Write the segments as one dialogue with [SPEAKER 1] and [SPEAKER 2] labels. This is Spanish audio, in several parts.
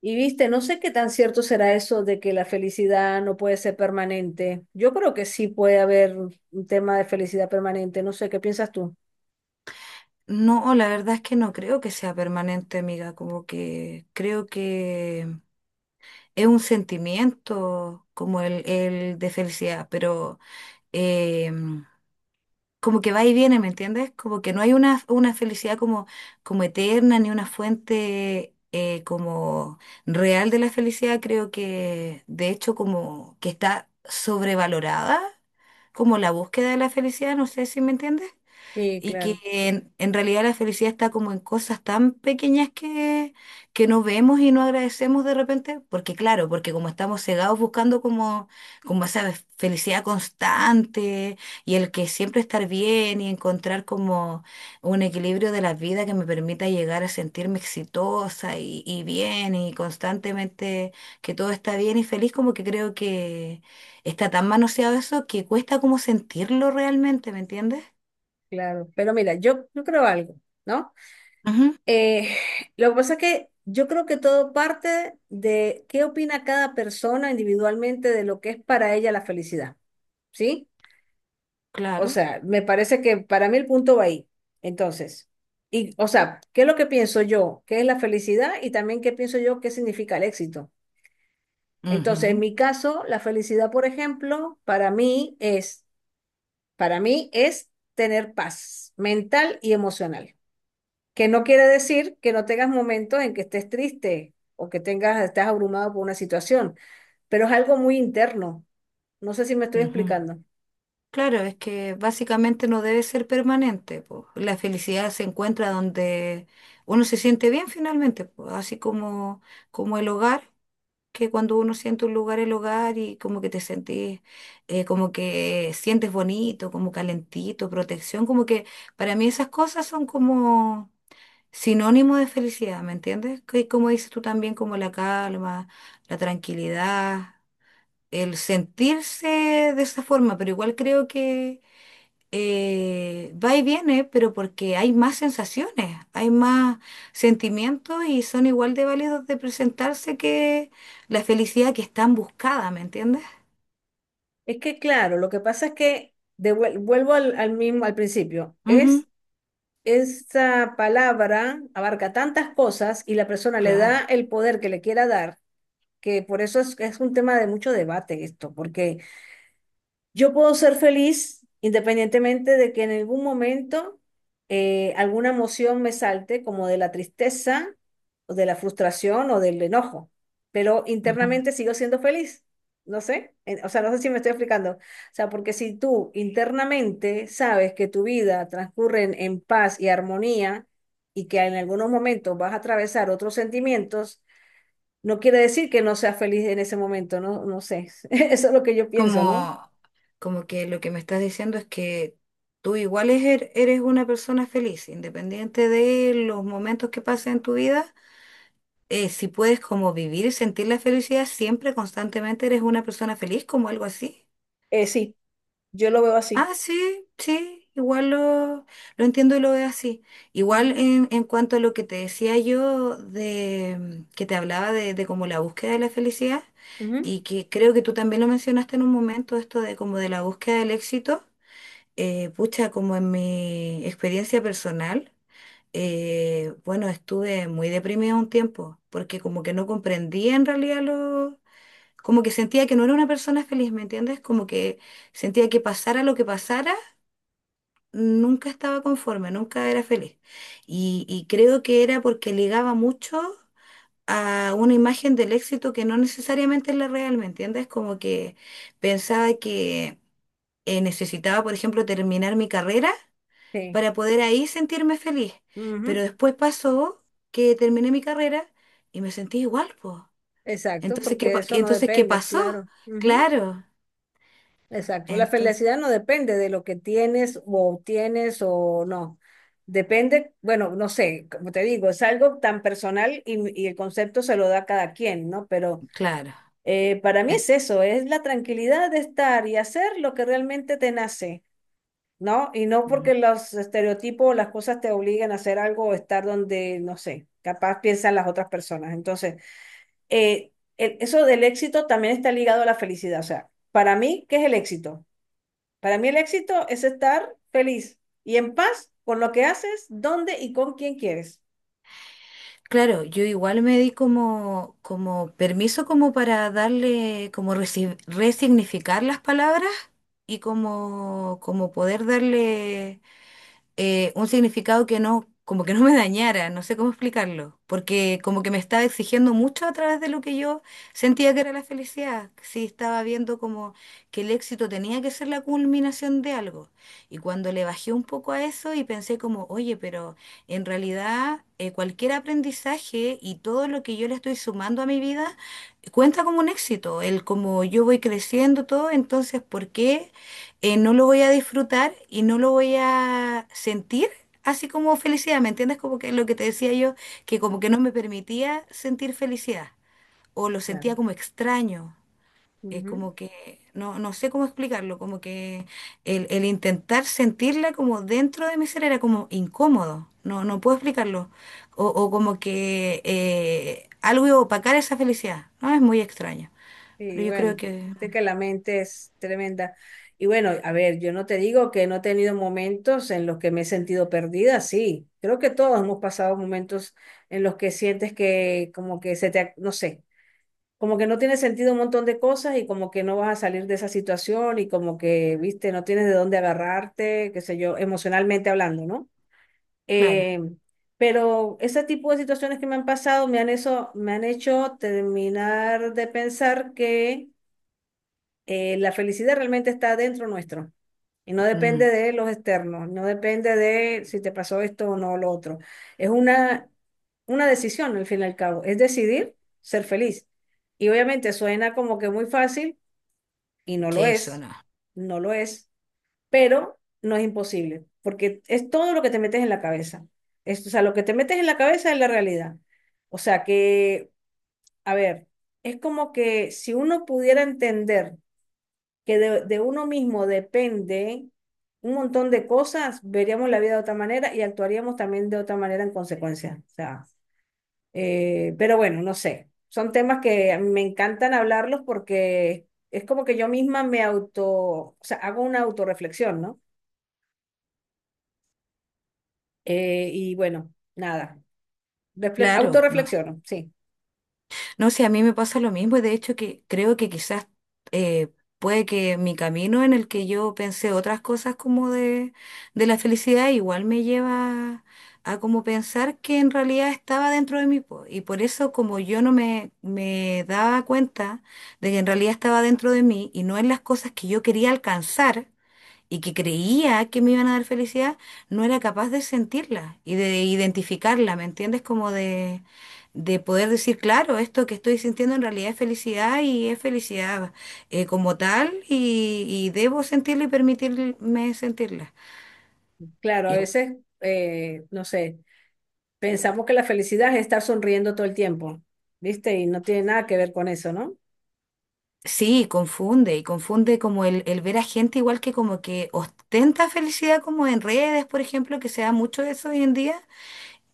[SPEAKER 1] Y viste, no sé qué tan cierto será eso de que la felicidad no puede ser permanente. Yo creo que sí puede haber un tema de felicidad permanente. No sé, ¿qué piensas tú?
[SPEAKER 2] No, la verdad es que no creo que sea permanente, amiga, como que creo que es un sentimiento como el de felicidad, pero em, como que va y viene, ¿me entiendes? Como que no hay una felicidad como, como eterna ni una fuente como real de la felicidad, creo que de hecho como que está sobrevalorada, como la búsqueda de la felicidad, no sé si me entiendes.
[SPEAKER 1] Sí,
[SPEAKER 2] Y que
[SPEAKER 1] claro,
[SPEAKER 2] en realidad la felicidad está como en cosas tan pequeñas que no vemos y no agradecemos de repente, porque claro, porque como estamos cegados buscando como, como esa felicidad constante y el que siempre estar bien y encontrar como un equilibrio de la vida que me permita llegar a sentirme exitosa y bien y constantemente que todo está bien y feliz, como que creo que está tan manoseado eso que cuesta como sentirlo realmente, ¿me entiendes?
[SPEAKER 1] claro. Pero mira, yo creo algo, ¿no? Eh, lo que pasa es que yo creo que todo parte de qué opina cada persona individualmente de lo que es para ella la felicidad, ¿sí? O
[SPEAKER 2] Claro.
[SPEAKER 1] sea, me parece que para mí el punto va ahí. Entonces, y, o sea, ¿qué es lo que pienso yo? ¿Qué es la felicidad? Y también qué pienso yo, qué significa el éxito. Entonces, en
[SPEAKER 2] Ujú,
[SPEAKER 1] mi caso, la felicidad, por ejemplo, para mí es tener paz mental y emocional. Que no quiere decir que no tengas momentos en que estés triste o que tengas, estés abrumado por una situación, pero es algo muy interno. No sé si me estoy
[SPEAKER 2] ujú.
[SPEAKER 1] explicando.
[SPEAKER 2] Claro, es que básicamente no debe ser permanente, po. La felicidad se encuentra donde uno se siente bien finalmente, po. Así como, como el hogar, que cuando uno siente un lugar, el hogar, y como que te sentís, como que sientes bonito, como calentito, protección, como que para mí esas cosas son como sinónimo de felicidad, ¿me entiendes? Que como dices tú también, como la calma, la tranquilidad, el sentirse de esa forma, pero igual creo que va y viene, pero porque hay más sensaciones, hay más sentimientos y son igual de válidos de presentarse que la felicidad que es tan buscada, ¿me entiendes?
[SPEAKER 1] Es que claro, lo que pasa es que vuelvo al mismo al principio.
[SPEAKER 2] Ujú.
[SPEAKER 1] Es esa palabra abarca tantas cosas y la persona le
[SPEAKER 2] Claro.
[SPEAKER 1] da el poder que le quiera dar, que por eso es un tema de mucho debate esto, porque yo puedo ser feliz independientemente de que en algún momento alguna emoción me salte, como de la tristeza o de la frustración o del enojo, pero
[SPEAKER 2] Ujú.
[SPEAKER 1] internamente sigo siendo feliz. No sé, o sea, no sé si me estoy explicando. O sea, porque si tú internamente sabes que tu vida transcurre en paz y armonía y que en algunos momentos vas a atravesar otros sentimientos, no quiere decir que no seas feliz en ese momento, no, no sé. Eso es lo que yo pienso, ¿no?
[SPEAKER 2] Como, como que lo que me estás diciendo es que tú igual es er eres una persona feliz, independiente de los momentos que pasen en tu vida, si puedes como vivir y sentir la felicidad siempre, constantemente eres una persona feliz, como algo así.
[SPEAKER 1] Sí. Yo lo veo así.
[SPEAKER 2] Ah, sí, sí, igual lo entiendo y lo veo así. Igual
[SPEAKER 1] Ujú,
[SPEAKER 2] en cuanto a lo que te decía yo, de que te hablaba de como la búsqueda de la felicidad,
[SPEAKER 1] ujú.
[SPEAKER 2] y que creo que tú también lo mencionaste en un momento, esto de como de la búsqueda del éxito, pucha, como en mi experiencia personal, bueno, estuve muy deprimida un tiempo, porque como que no comprendía en realidad lo... Como que sentía que no era una persona feliz, ¿me entiendes? Como que sentía que pasara lo que pasara, nunca estaba conforme, nunca era feliz. Y creo que era porque ligaba mucho a una imagen del éxito que no necesariamente es la real, ¿me entiendes? Como que pensaba que necesitaba, por ejemplo, terminar mi carrera
[SPEAKER 1] Sí,
[SPEAKER 2] para poder ahí sentirme feliz. Pero
[SPEAKER 1] ujú,
[SPEAKER 2] después pasó que terminé mi carrera y me sentí igual, pues.
[SPEAKER 1] exacto,
[SPEAKER 2] Entonces, ¿qué,
[SPEAKER 1] porque eso no
[SPEAKER 2] entonces, ¿qué
[SPEAKER 1] depende,
[SPEAKER 2] pasó?
[SPEAKER 1] claro. Ujú,
[SPEAKER 2] Claro,
[SPEAKER 1] exacto. La
[SPEAKER 2] entonces,
[SPEAKER 1] felicidad no depende de lo que tienes o obtienes o no. Depende, bueno, no sé, como te digo, es algo tan personal y el concepto se lo da a cada quien, ¿no? Pero
[SPEAKER 2] claro.
[SPEAKER 1] para mí
[SPEAKER 2] En-
[SPEAKER 1] es eso, es la tranquilidad de estar y hacer lo que realmente te nace. ¿No? Y no
[SPEAKER 2] mm.
[SPEAKER 1] porque los estereotipos o las cosas te obliguen a hacer algo o estar donde, no sé, capaz piensan las otras personas. Entonces, eso del éxito también está ligado a la felicidad. O sea, para mí, ¿qué es el éxito? Para mí el éxito es estar feliz y en paz con lo que haces, dónde y con quién quieres.
[SPEAKER 2] Claro, yo igual me di como, como permiso como para darle, como resignificar las palabras y como, como poder darle un significado que no, como que no me dañara, no sé cómo explicarlo, porque como que me estaba exigiendo mucho a través de lo que yo sentía que era la felicidad, sí estaba viendo como que el éxito tenía que ser la culminación de algo. Y cuando le bajé un poco a eso y pensé como, oye, pero en realidad cualquier aprendizaje y todo lo que yo le estoy sumando a mi vida cuenta como un éxito, el como yo voy creciendo todo, entonces, ¿por qué no lo voy a disfrutar y no lo voy a sentir así como felicidad, ¿me entiendes? Como que lo que te decía yo, que como que no me permitía sentir felicidad o lo
[SPEAKER 1] Claro.
[SPEAKER 2] sentía como extraño,
[SPEAKER 1] Ujú.
[SPEAKER 2] como que no, no sé cómo explicarlo, como que el intentar sentirla como dentro de mi ser era como incómodo, no, no puedo explicarlo, o como que algo iba a opacar esa felicidad, ¿no? Es muy extraño,
[SPEAKER 1] Y
[SPEAKER 2] pero yo creo
[SPEAKER 1] bueno,
[SPEAKER 2] que,
[SPEAKER 1] este que la mente es tremenda. Y bueno, a ver, yo no te digo que no he tenido momentos en los que me he sentido perdida, sí. Creo que todos hemos pasado momentos en los que sientes que como que se te, no sé, como que no tiene sentido un montón de cosas y como que no vas a salir de esa situación y como que, viste, no tienes de dónde agarrarte, qué sé yo, emocionalmente hablando, ¿no?
[SPEAKER 2] claro,
[SPEAKER 1] Eh, pero ese tipo de situaciones que me han pasado me han, eso, me han hecho terminar de pensar que la felicidad realmente está dentro nuestro y no depende
[SPEAKER 2] mm,
[SPEAKER 1] de los externos, no depende de si te pasó esto o no lo otro. Es una decisión al fin y al cabo, es decidir ser feliz. Y obviamente suena como que muy fácil y no lo
[SPEAKER 2] sí, eso
[SPEAKER 1] es,
[SPEAKER 2] no,
[SPEAKER 1] no lo es, pero no es imposible, porque es todo lo que te metes en la cabeza. Es, o sea, lo que te metes en la cabeza es la realidad. O sea que, a ver, es como que si uno pudiera entender que de uno mismo depende un montón de cosas, veríamos la vida de otra manera y actuaríamos también de otra manera en consecuencia. O sea, pero bueno, no sé. Son temas que a mí me encantan hablarlos porque es como que yo misma me auto, o sea, hago una autorreflexión, ¿no? Y bueno, nada.
[SPEAKER 2] claro, no.
[SPEAKER 1] Autorreflexiono, sí.
[SPEAKER 2] No sé, a mí me pasa lo mismo y de hecho que creo que quizás eh, puede que mi camino en el que yo pensé otras cosas como de la felicidad igual me lleva a como pensar que en realidad estaba dentro de mí, po. Y por eso como yo no me daba cuenta de que en realidad estaba dentro de mí y no en las cosas que yo quería alcanzar y que creía que me iban a dar felicidad, no era capaz de sentirla y de identificarla, ¿me entiendes? Como de poder decir, claro, esto que estoy sintiendo en realidad es felicidad y es felicidad como tal y debo sentirla y permitirme sentirla.
[SPEAKER 1] Claro, a
[SPEAKER 2] Y
[SPEAKER 1] veces, no sé, pensamos que la felicidad es estar sonriendo todo el tiempo, ¿viste? Y no tiene nada que ver con eso, ¿no?
[SPEAKER 2] sí, confunde, y confunde como el ver a gente igual que como que ostenta felicidad como en redes, por ejemplo, que se da mucho eso hoy en día.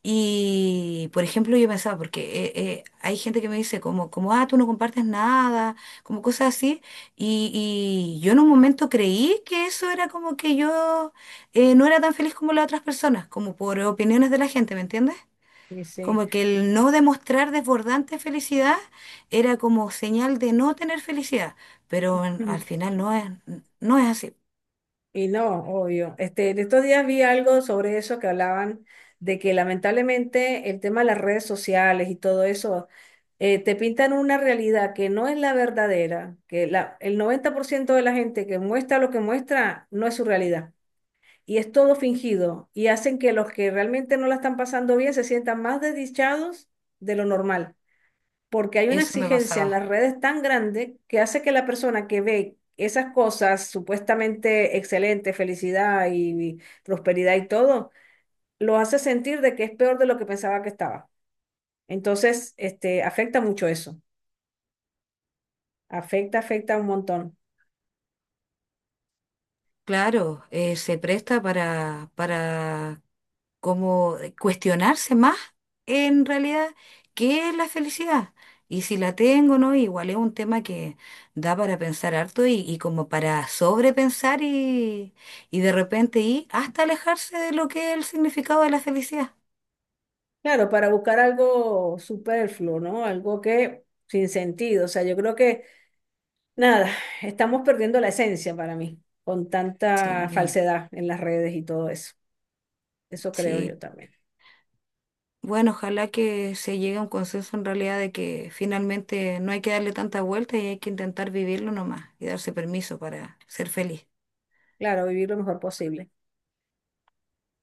[SPEAKER 2] Y, por ejemplo, yo pensaba, porque hay gente que me dice como, como, ah, tú no compartes nada, como cosas así. Y yo en un momento creí que eso era como que yo no era tan feliz como las otras personas, como por opiniones de la gente, ¿me entiendes?
[SPEAKER 1] Y sí.
[SPEAKER 2] Como que el no demostrar desbordante felicidad era como señal de no tener felicidad, pero al final no es, no es así.
[SPEAKER 1] Y no, obvio. Este, en estos días vi algo sobre eso que hablaban de que lamentablemente el tema de las redes sociales y todo eso te pintan una realidad que no es la verdadera, que la, el 90% de la gente que muestra lo que muestra no es su realidad y es todo fingido y hacen que los que realmente no la están pasando bien se sientan más desdichados de lo normal porque hay una
[SPEAKER 2] Eso me
[SPEAKER 1] exigencia en
[SPEAKER 2] pasaba.
[SPEAKER 1] las redes tan grande que hace que la persona que ve esas cosas supuestamente excelentes, felicidad y prosperidad y todo, lo hace sentir de que es peor de lo que pensaba que estaba. Entonces, este, afecta mucho eso, afecta, afecta un montón.
[SPEAKER 2] Claro, se presta para como cuestionarse más en realidad qué es la felicidad y si la tengo o no, igual es un tema que da para pensar harto y como para sobrepensar y de repente ir hasta alejarse de lo que es el significado de la felicidad.
[SPEAKER 1] Claro, para buscar algo superfluo, ¿no? Algo que sin sentido, o sea, yo creo que nada, estamos perdiendo la esencia para mí, con tanta
[SPEAKER 2] Sí,
[SPEAKER 1] falsedad en las redes y todo eso. Eso creo
[SPEAKER 2] sí.
[SPEAKER 1] yo también.
[SPEAKER 2] Bueno, ojalá que se llegue a un consenso en realidad de que finalmente no hay que darle tanta vuelta y hay que intentar vivirlo nomás y darse permiso para ser feliz.
[SPEAKER 1] Claro, vivir lo mejor posible.